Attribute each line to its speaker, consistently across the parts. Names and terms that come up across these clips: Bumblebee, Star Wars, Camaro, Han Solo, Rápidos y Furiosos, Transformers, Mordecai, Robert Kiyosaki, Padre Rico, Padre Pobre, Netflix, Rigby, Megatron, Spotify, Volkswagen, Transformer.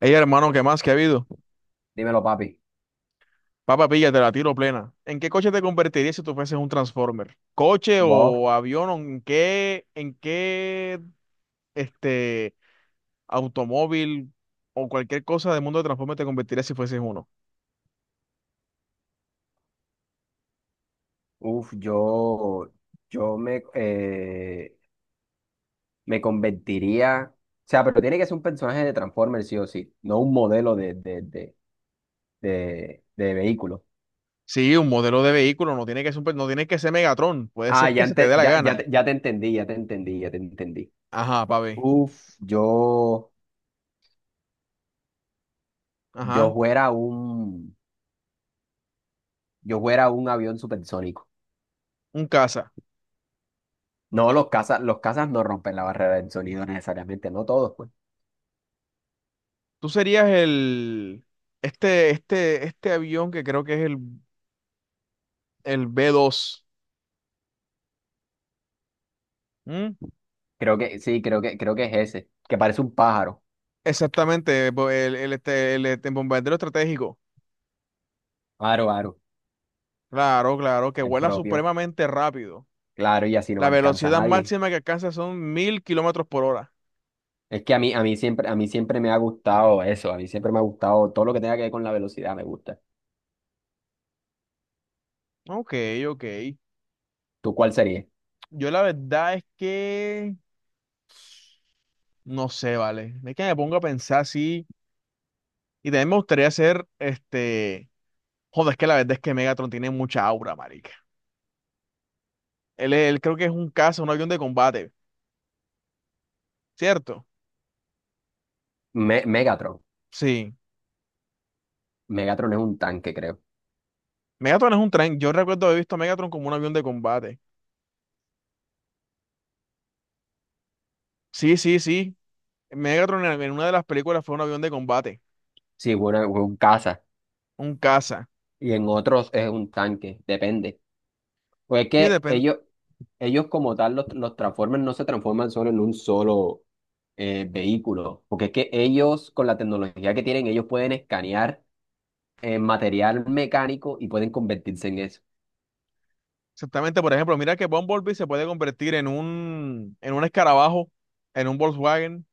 Speaker 1: Ey, hermano, ¿qué más que ha habido?
Speaker 2: Dímelo, papi.
Speaker 1: Papá, pilla, te la tiro plena. ¿En qué coche te convertirías si tú fueses un Transformer? ¿Coche
Speaker 2: Vos,
Speaker 1: o avión? ¿O en qué, este, automóvil o cualquier cosa del mundo de Transformer te convertirías si fueses uno?
Speaker 2: yo, yo me me convertiría. O sea, pero tiene que ser un personaje de Transformers, sí o sí, no un modelo de vehículo.
Speaker 1: Sí, un modelo de vehículo, no tiene que ser, no tiene que ser Megatron, puede
Speaker 2: Ah,
Speaker 1: ser
Speaker 2: ya,
Speaker 1: que se te dé la
Speaker 2: ya, ya,
Speaker 1: gana.
Speaker 2: ya te entendí, ya te entendí, ya te entendí.
Speaker 1: Ajá, papi.
Speaker 2: Yo, yo
Speaker 1: Ajá,
Speaker 2: fuera un, yo fuera un avión supersónico.
Speaker 1: un caza.
Speaker 2: No, los cazas no rompen la barrera del sonido necesariamente, no todos, pues.
Speaker 1: Tú serías el avión que creo que es el B2. ¿Mm?
Speaker 2: Creo que, sí, creo que es ese, que parece un pájaro.
Speaker 1: Exactamente, el bombardero estratégico.
Speaker 2: Aro, aro.
Speaker 1: Claro, claro, que
Speaker 2: El
Speaker 1: vuela
Speaker 2: propio,
Speaker 1: supremamente rápido.
Speaker 2: claro, y así no me
Speaker 1: La
Speaker 2: alcanza a
Speaker 1: velocidad
Speaker 2: nadie.
Speaker 1: máxima que alcanza son 1000 kilómetros por hora.
Speaker 2: Es que a mí siempre me ha gustado eso, a mí siempre me ha gustado todo lo que tenga que ver con la velocidad, me gusta.
Speaker 1: Ok, ok.
Speaker 2: ¿Tú cuál sería?
Speaker 1: Yo la verdad es que no sé, vale. Es que me pongo a pensar así. Y también me gustaría hacer este. Joder, es que la verdad es que Megatron tiene mucha aura, marica. Él creo que es un caza, un avión de combate. ¿Cierto?
Speaker 2: Megatron.
Speaker 1: Sí.
Speaker 2: Megatron es un tanque, creo.
Speaker 1: Megatron es un tren. Yo recuerdo haber visto a Megatron como un avión de combate. Sí, sí, sí. Megatron en una de las películas fue un avión de combate,
Speaker 2: Sí, bueno, es un caza.
Speaker 1: un caza.
Speaker 2: Y en otros es un tanque, depende. Pues es
Speaker 1: Sí,
Speaker 2: que
Speaker 1: depende.
Speaker 2: ellos como tal, los Transformers no se transforman solo en un solo vehículo, porque es que ellos, con la tecnología que tienen, ellos pueden escanear material mecánico y pueden convertirse en eso,
Speaker 1: Exactamente, por ejemplo, mira que Bumblebee se puede convertir en un escarabajo, en un Volkswagen,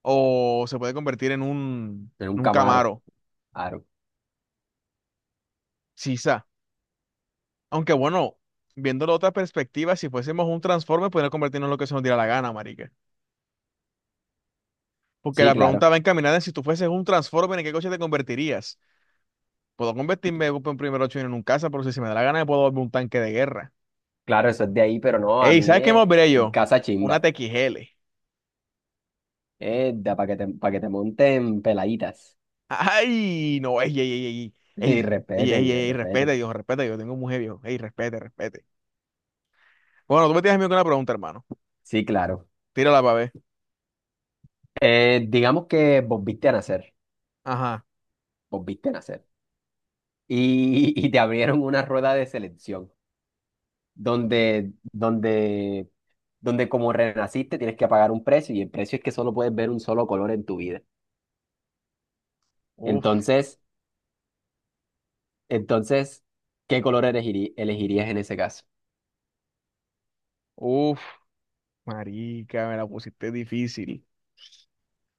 Speaker 1: o se puede convertir en un,
Speaker 2: en un
Speaker 1: en un
Speaker 2: Camaro.
Speaker 1: Camaro,
Speaker 2: Claro.
Speaker 1: quizá. Aunque bueno, viéndolo de otra perspectiva, si fuésemos un Transformer, podríamos convertirnos en lo que se nos diera la gana, marica. Porque
Speaker 2: Sí,
Speaker 1: la
Speaker 2: claro.
Speaker 1: pregunta va encaminada en si tú fueses un Transformer, ¿en qué coche te convertirías? Puedo convertirme en un primer 8 en un casa, pero si se me da la gana, me puedo volver un tanque de guerra.
Speaker 2: Claro, eso es de ahí, pero no, a
Speaker 1: Ey,
Speaker 2: mí
Speaker 1: ¿sabes qué me
Speaker 2: es
Speaker 1: volveré yo?
Speaker 2: casa
Speaker 1: Una
Speaker 2: chimba.
Speaker 1: TXL.
Speaker 2: Es para que te, pa' que te monten peladitas.
Speaker 1: Ay, no, ey, ey, ey,
Speaker 2: Y
Speaker 1: ey, ey, ey,
Speaker 2: respete,
Speaker 1: ey,
Speaker 2: bien,
Speaker 1: ey, respete,
Speaker 2: respete.
Speaker 1: Dios, respete, yo tengo mujer, Dios. Ey, respete, respete. Bueno, tú me tienes miedo con una pregunta, hermano.
Speaker 2: Sí, claro.
Speaker 1: Tírala para ver.
Speaker 2: Digamos que vos viste a nacer,
Speaker 1: Ajá.
Speaker 2: vos viste a nacer. Y te abrieron una rueda de selección donde, donde como renaciste tienes que pagar un precio y el precio es que solo puedes ver un solo color en tu vida.
Speaker 1: Uf,
Speaker 2: Entonces, entonces, ¿qué color elegirías en ese caso?
Speaker 1: uf, marica, me la pusiste difícil.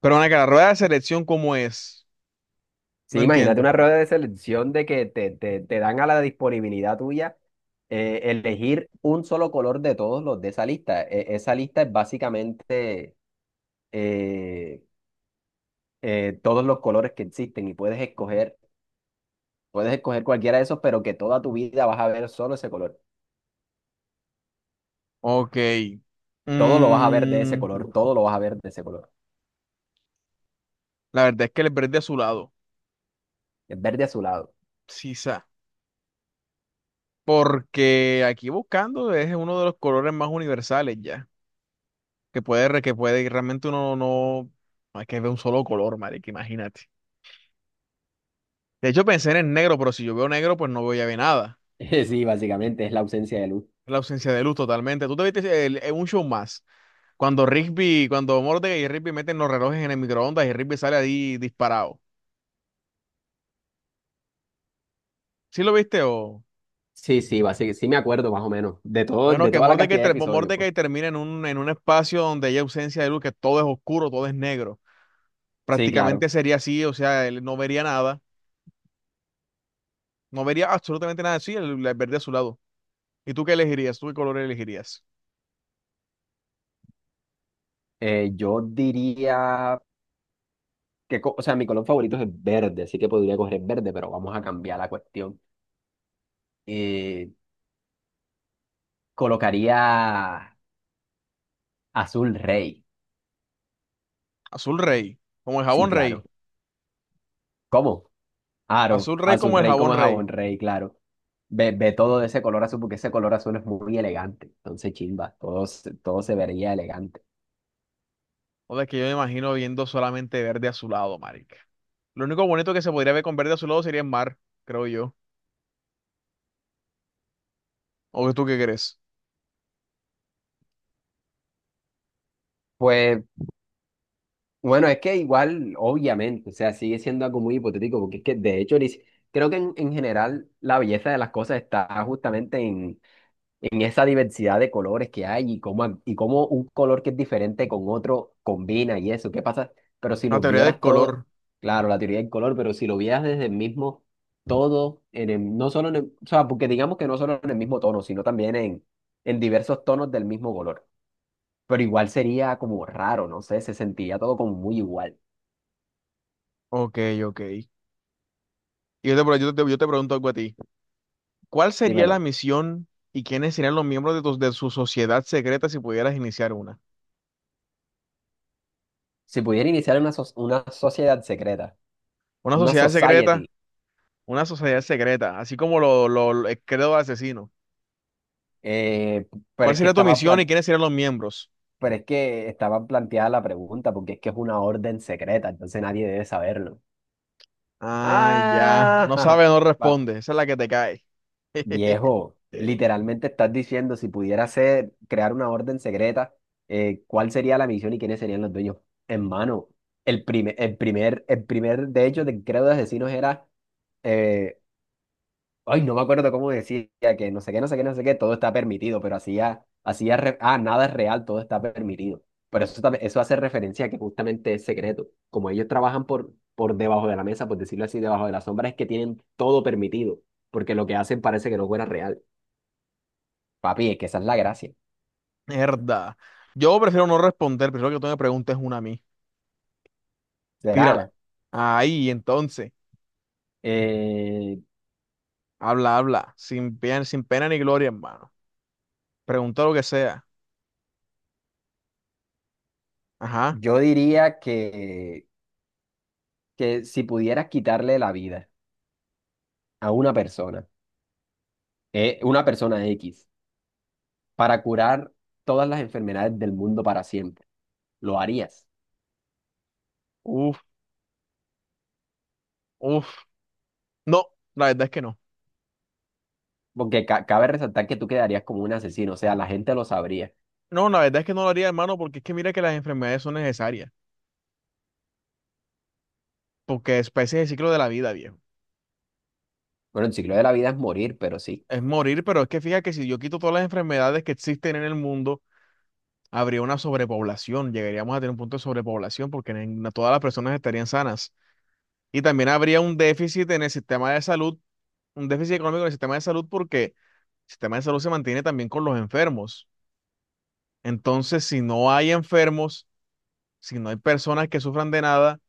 Speaker 1: Pero bueno, que la rueda de selección, ¿cómo es?
Speaker 2: Sí,
Speaker 1: No
Speaker 2: imagínate
Speaker 1: entiendo.
Speaker 2: una rueda de selección de que te, te dan a la disponibilidad tuya elegir un solo color de todos los de esa lista. Esa lista es básicamente eh, todos los colores que existen y puedes escoger cualquiera de esos, pero que toda tu vida vas a ver solo ese color.
Speaker 1: Ok.
Speaker 2: Todo lo vas a ver de ese
Speaker 1: Mm,
Speaker 2: color, todo lo vas a ver de ese color.
Speaker 1: la verdad es que le perdí a su lado.
Speaker 2: Es verde azulado.
Speaker 1: Sí, porque aquí buscando es uno de los colores más universales ya. Que puede, re- que puede, y realmente uno no. No hay que ver un solo color, marica, imagínate. De hecho, pensé en el negro, pero si yo veo negro, pues no veo ya bien nada.
Speaker 2: Sí, básicamente es la ausencia de luz.
Speaker 1: La ausencia de luz totalmente. Tú te viste en un show más. Cuando Rigby, cuando Mordecai y Rigby meten los relojes en el microondas y Rigby sale ahí disparado. ¿Sí lo viste o?
Speaker 2: Sí, sí, básicamente, sí me acuerdo más o menos de todo,
Speaker 1: Bueno,
Speaker 2: de
Speaker 1: que
Speaker 2: toda la cantidad de episodios, pues.
Speaker 1: Mordecai termina en un espacio donde hay ausencia de luz, que todo es oscuro, todo es negro.
Speaker 2: Sí, claro.
Speaker 1: Prácticamente sería así, o sea, él no vería nada. No vería absolutamente nada así, el verde azulado. ¿Y tú qué elegirías? ¿Tú qué color elegirías?
Speaker 2: Yo diría que, o sea, mi color favorito es el verde, así que podría coger el verde, pero vamos a cambiar la cuestión. Eh, colocaría azul rey.
Speaker 1: Azul rey, como el
Speaker 2: Sí,
Speaker 1: jabón rey.
Speaker 2: claro. ¿Cómo? Aro,
Speaker 1: Azul rey
Speaker 2: azul
Speaker 1: como el
Speaker 2: rey
Speaker 1: jabón
Speaker 2: como
Speaker 1: rey.
Speaker 2: jabón rey, claro. Ve, ve todo de ese color azul porque ese color azul es muy elegante. Entonces, chimba, todo, todo se vería elegante.
Speaker 1: O sea, que yo me imagino viendo solamente verde azulado, marica. Lo único bonito que se podría ver con verde azulado sería el mar, creo yo. ¿O tú qué crees?
Speaker 2: Pues, bueno, es que igual, obviamente, o sea, sigue siendo algo muy hipotético porque es que, de hecho, ni si- creo que en general la belleza de las cosas está justamente en esa diversidad de colores que hay y cómo, y cómo un color que es diferente con otro combina y eso, ¿qué pasa? Pero si
Speaker 1: La
Speaker 2: lo
Speaker 1: teoría del
Speaker 2: vieras todo,
Speaker 1: color.
Speaker 2: claro, la teoría del color, pero si lo vieras desde el mismo todo, no solo o sea, porque digamos que no solo en el mismo tono, sino también en diversos tonos del mismo color. Pero igual sería como raro, no sé, se sentiría todo como muy igual.
Speaker 1: Ok, ok. Y yo te pregunto algo a ti. ¿Cuál sería la
Speaker 2: Dímelo,
Speaker 1: misión y quiénes serían los miembros de, de su sociedad secreta si pudieras iniciar una?
Speaker 2: si pudiera iniciar una, una sociedad secreta,
Speaker 1: Una
Speaker 2: una
Speaker 1: sociedad
Speaker 2: society,
Speaker 1: secreta. Una sociedad secreta, así como el credo asesino.
Speaker 2: eh, pero
Speaker 1: ¿Cuál
Speaker 2: es que
Speaker 1: sería tu
Speaker 2: estaba,
Speaker 1: misión y quiénes serían los miembros?
Speaker 2: Pero es que estaba planteada la pregunta, porque es que es una orden secreta, entonces nadie debe saberlo.
Speaker 1: Ah, ya.
Speaker 2: Ah,
Speaker 1: No sabe,
Speaker 2: jaja.
Speaker 1: no
Speaker 2: Va,
Speaker 1: responde. Esa es la que te cae.
Speaker 2: viejo, literalmente estás diciendo, si pudiera ser, crear una orden secreta, ¿cuál sería la misión y quiénes serían los dueños? Hermano, el primer, el primer, el primer, de hecho, del credo de asesinos era eh, ay, no me acuerdo cómo decía que no sé qué, no sé qué, no sé qué, todo está permitido, pero hacía, hacía, ah, nada es real, todo está permitido. Pero eso, eso hace referencia a que justamente es secreto. Como ellos trabajan por debajo de la mesa, por decirlo así, debajo de la sombra, es que tienen todo permitido, porque lo que hacen parece que no fuera real. Papi, es que esa es la gracia.
Speaker 1: Mierda. Yo prefiero no responder, prefiero que tú me preguntes una a mí. Tírala.
Speaker 2: Será,
Speaker 1: Ahí, entonces.
Speaker 2: eh,
Speaker 1: Habla, habla. Sin pena, sin pena ni gloria, hermano. Pregunta lo que sea. Ajá.
Speaker 2: yo diría que si pudieras quitarle la vida a una persona X, para curar todas las enfermedades del mundo para siempre lo harías.
Speaker 1: Uf, uf. No, la verdad es que no.
Speaker 2: Porque cabe resaltar que tú quedarías como un asesino, o sea, la gente lo sabría.
Speaker 1: No, la verdad es que no lo haría, hermano, porque es que mira que las enfermedades son necesarias. Porque es, ese es el ciclo de la vida, viejo.
Speaker 2: Bueno, el ciclo de la vida es morir, pero sí,
Speaker 1: Es morir, pero es que fíjate que si yo quito todas las enfermedades que existen en el mundo, habría una sobrepoblación, llegaríamos a tener un punto de sobrepoblación porque no todas las personas estarían sanas. Y también habría un déficit en el sistema de salud, un déficit económico en el sistema de salud porque el sistema de salud se mantiene también con los enfermos. Entonces, si no hay enfermos, si no hay personas que sufran de nada,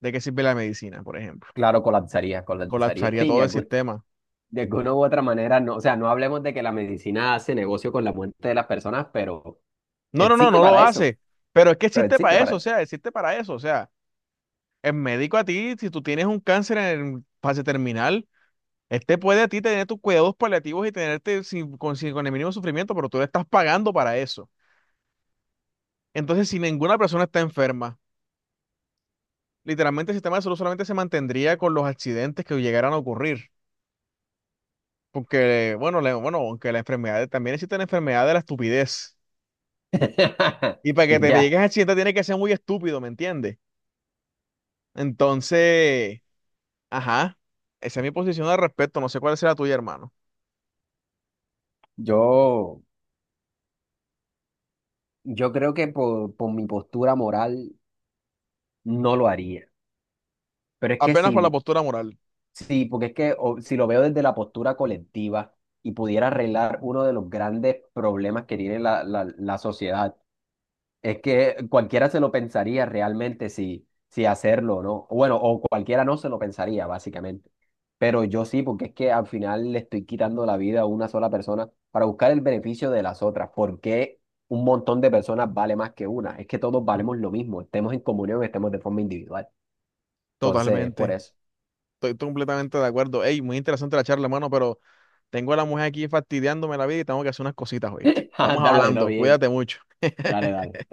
Speaker 1: ¿de qué sirve la medicina, por ejemplo?
Speaker 2: claro, colapsaría, colapsaría.
Speaker 1: Colapsaría
Speaker 2: Sí,
Speaker 1: todo el sistema.
Speaker 2: de alguna u otra manera, no, o sea, no hablemos de que la medicina hace negocio con la muerte de las personas, pero
Speaker 1: No, no, no,
Speaker 2: existe
Speaker 1: no lo
Speaker 2: para eso,
Speaker 1: hace, pero es que
Speaker 2: pero
Speaker 1: existe
Speaker 2: existe
Speaker 1: para
Speaker 2: para
Speaker 1: eso, o
Speaker 2: eso.
Speaker 1: sea, existe para eso, o sea. El médico a ti, si tú tienes un cáncer en fase terminal, este puede a ti tener tus cuidados paliativos y tenerte con el mínimo sufrimiento, pero tú le estás pagando para eso. Entonces, si ninguna persona está enferma, literalmente el sistema de salud solamente se mantendría con los accidentes que llegaran a ocurrir. Porque, bueno, aunque la enfermedad, también existe la enfermedad de la estupidez. Y para que
Speaker 2: Y
Speaker 1: te
Speaker 2: ya,
Speaker 1: llegues a accidente tiene que ser muy estúpido, ¿me entiendes? Entonces, ajá, esa es mi posición al respecto. No sé cuál será la tuya, hermano.
Speaker 2: yo, yo creo que por mi postura moral no lo haría. Pero es que
Speaker 1: Apenas por la
Speaker 2: si
Speaker 1: postura moral.
Speaker 2: sí, porque es que si lo veo desde la postura colectiva y pudiera arreglar uno de los grandes problemas que tiene la, la, la sociedad, es que cualquiera se lo pensaría realmente si, si hacerlo o no. Bueno, o cualquiera no se lo pensaría, básicamente. Pero yo sí, porque es que al final le estoy quitando la vida a una sola persona para buscar el beneficio de las otras. ¿Por qué un montón de personas vale más que una? Es que todos valemos lo mismo, estemos en comunión, estemos de forma individual. Entonces, por
Speaker 1: Totalmente.
Speaker 2: eso.
Speaker 1: Estoy completamente de acuerdo. Ey, muy interesante la charla, hermano, pero tengo a la mujer aquí fastidiándome la vida y tengo que hacer unas cositas, ¿oíste? Estamos
Speaker 2: Dale, todo
Speaker 1: hablando.
Speaker 2: bien.
Speaker 1: Cuídate mucho.
Speaker 2: Dale, dale.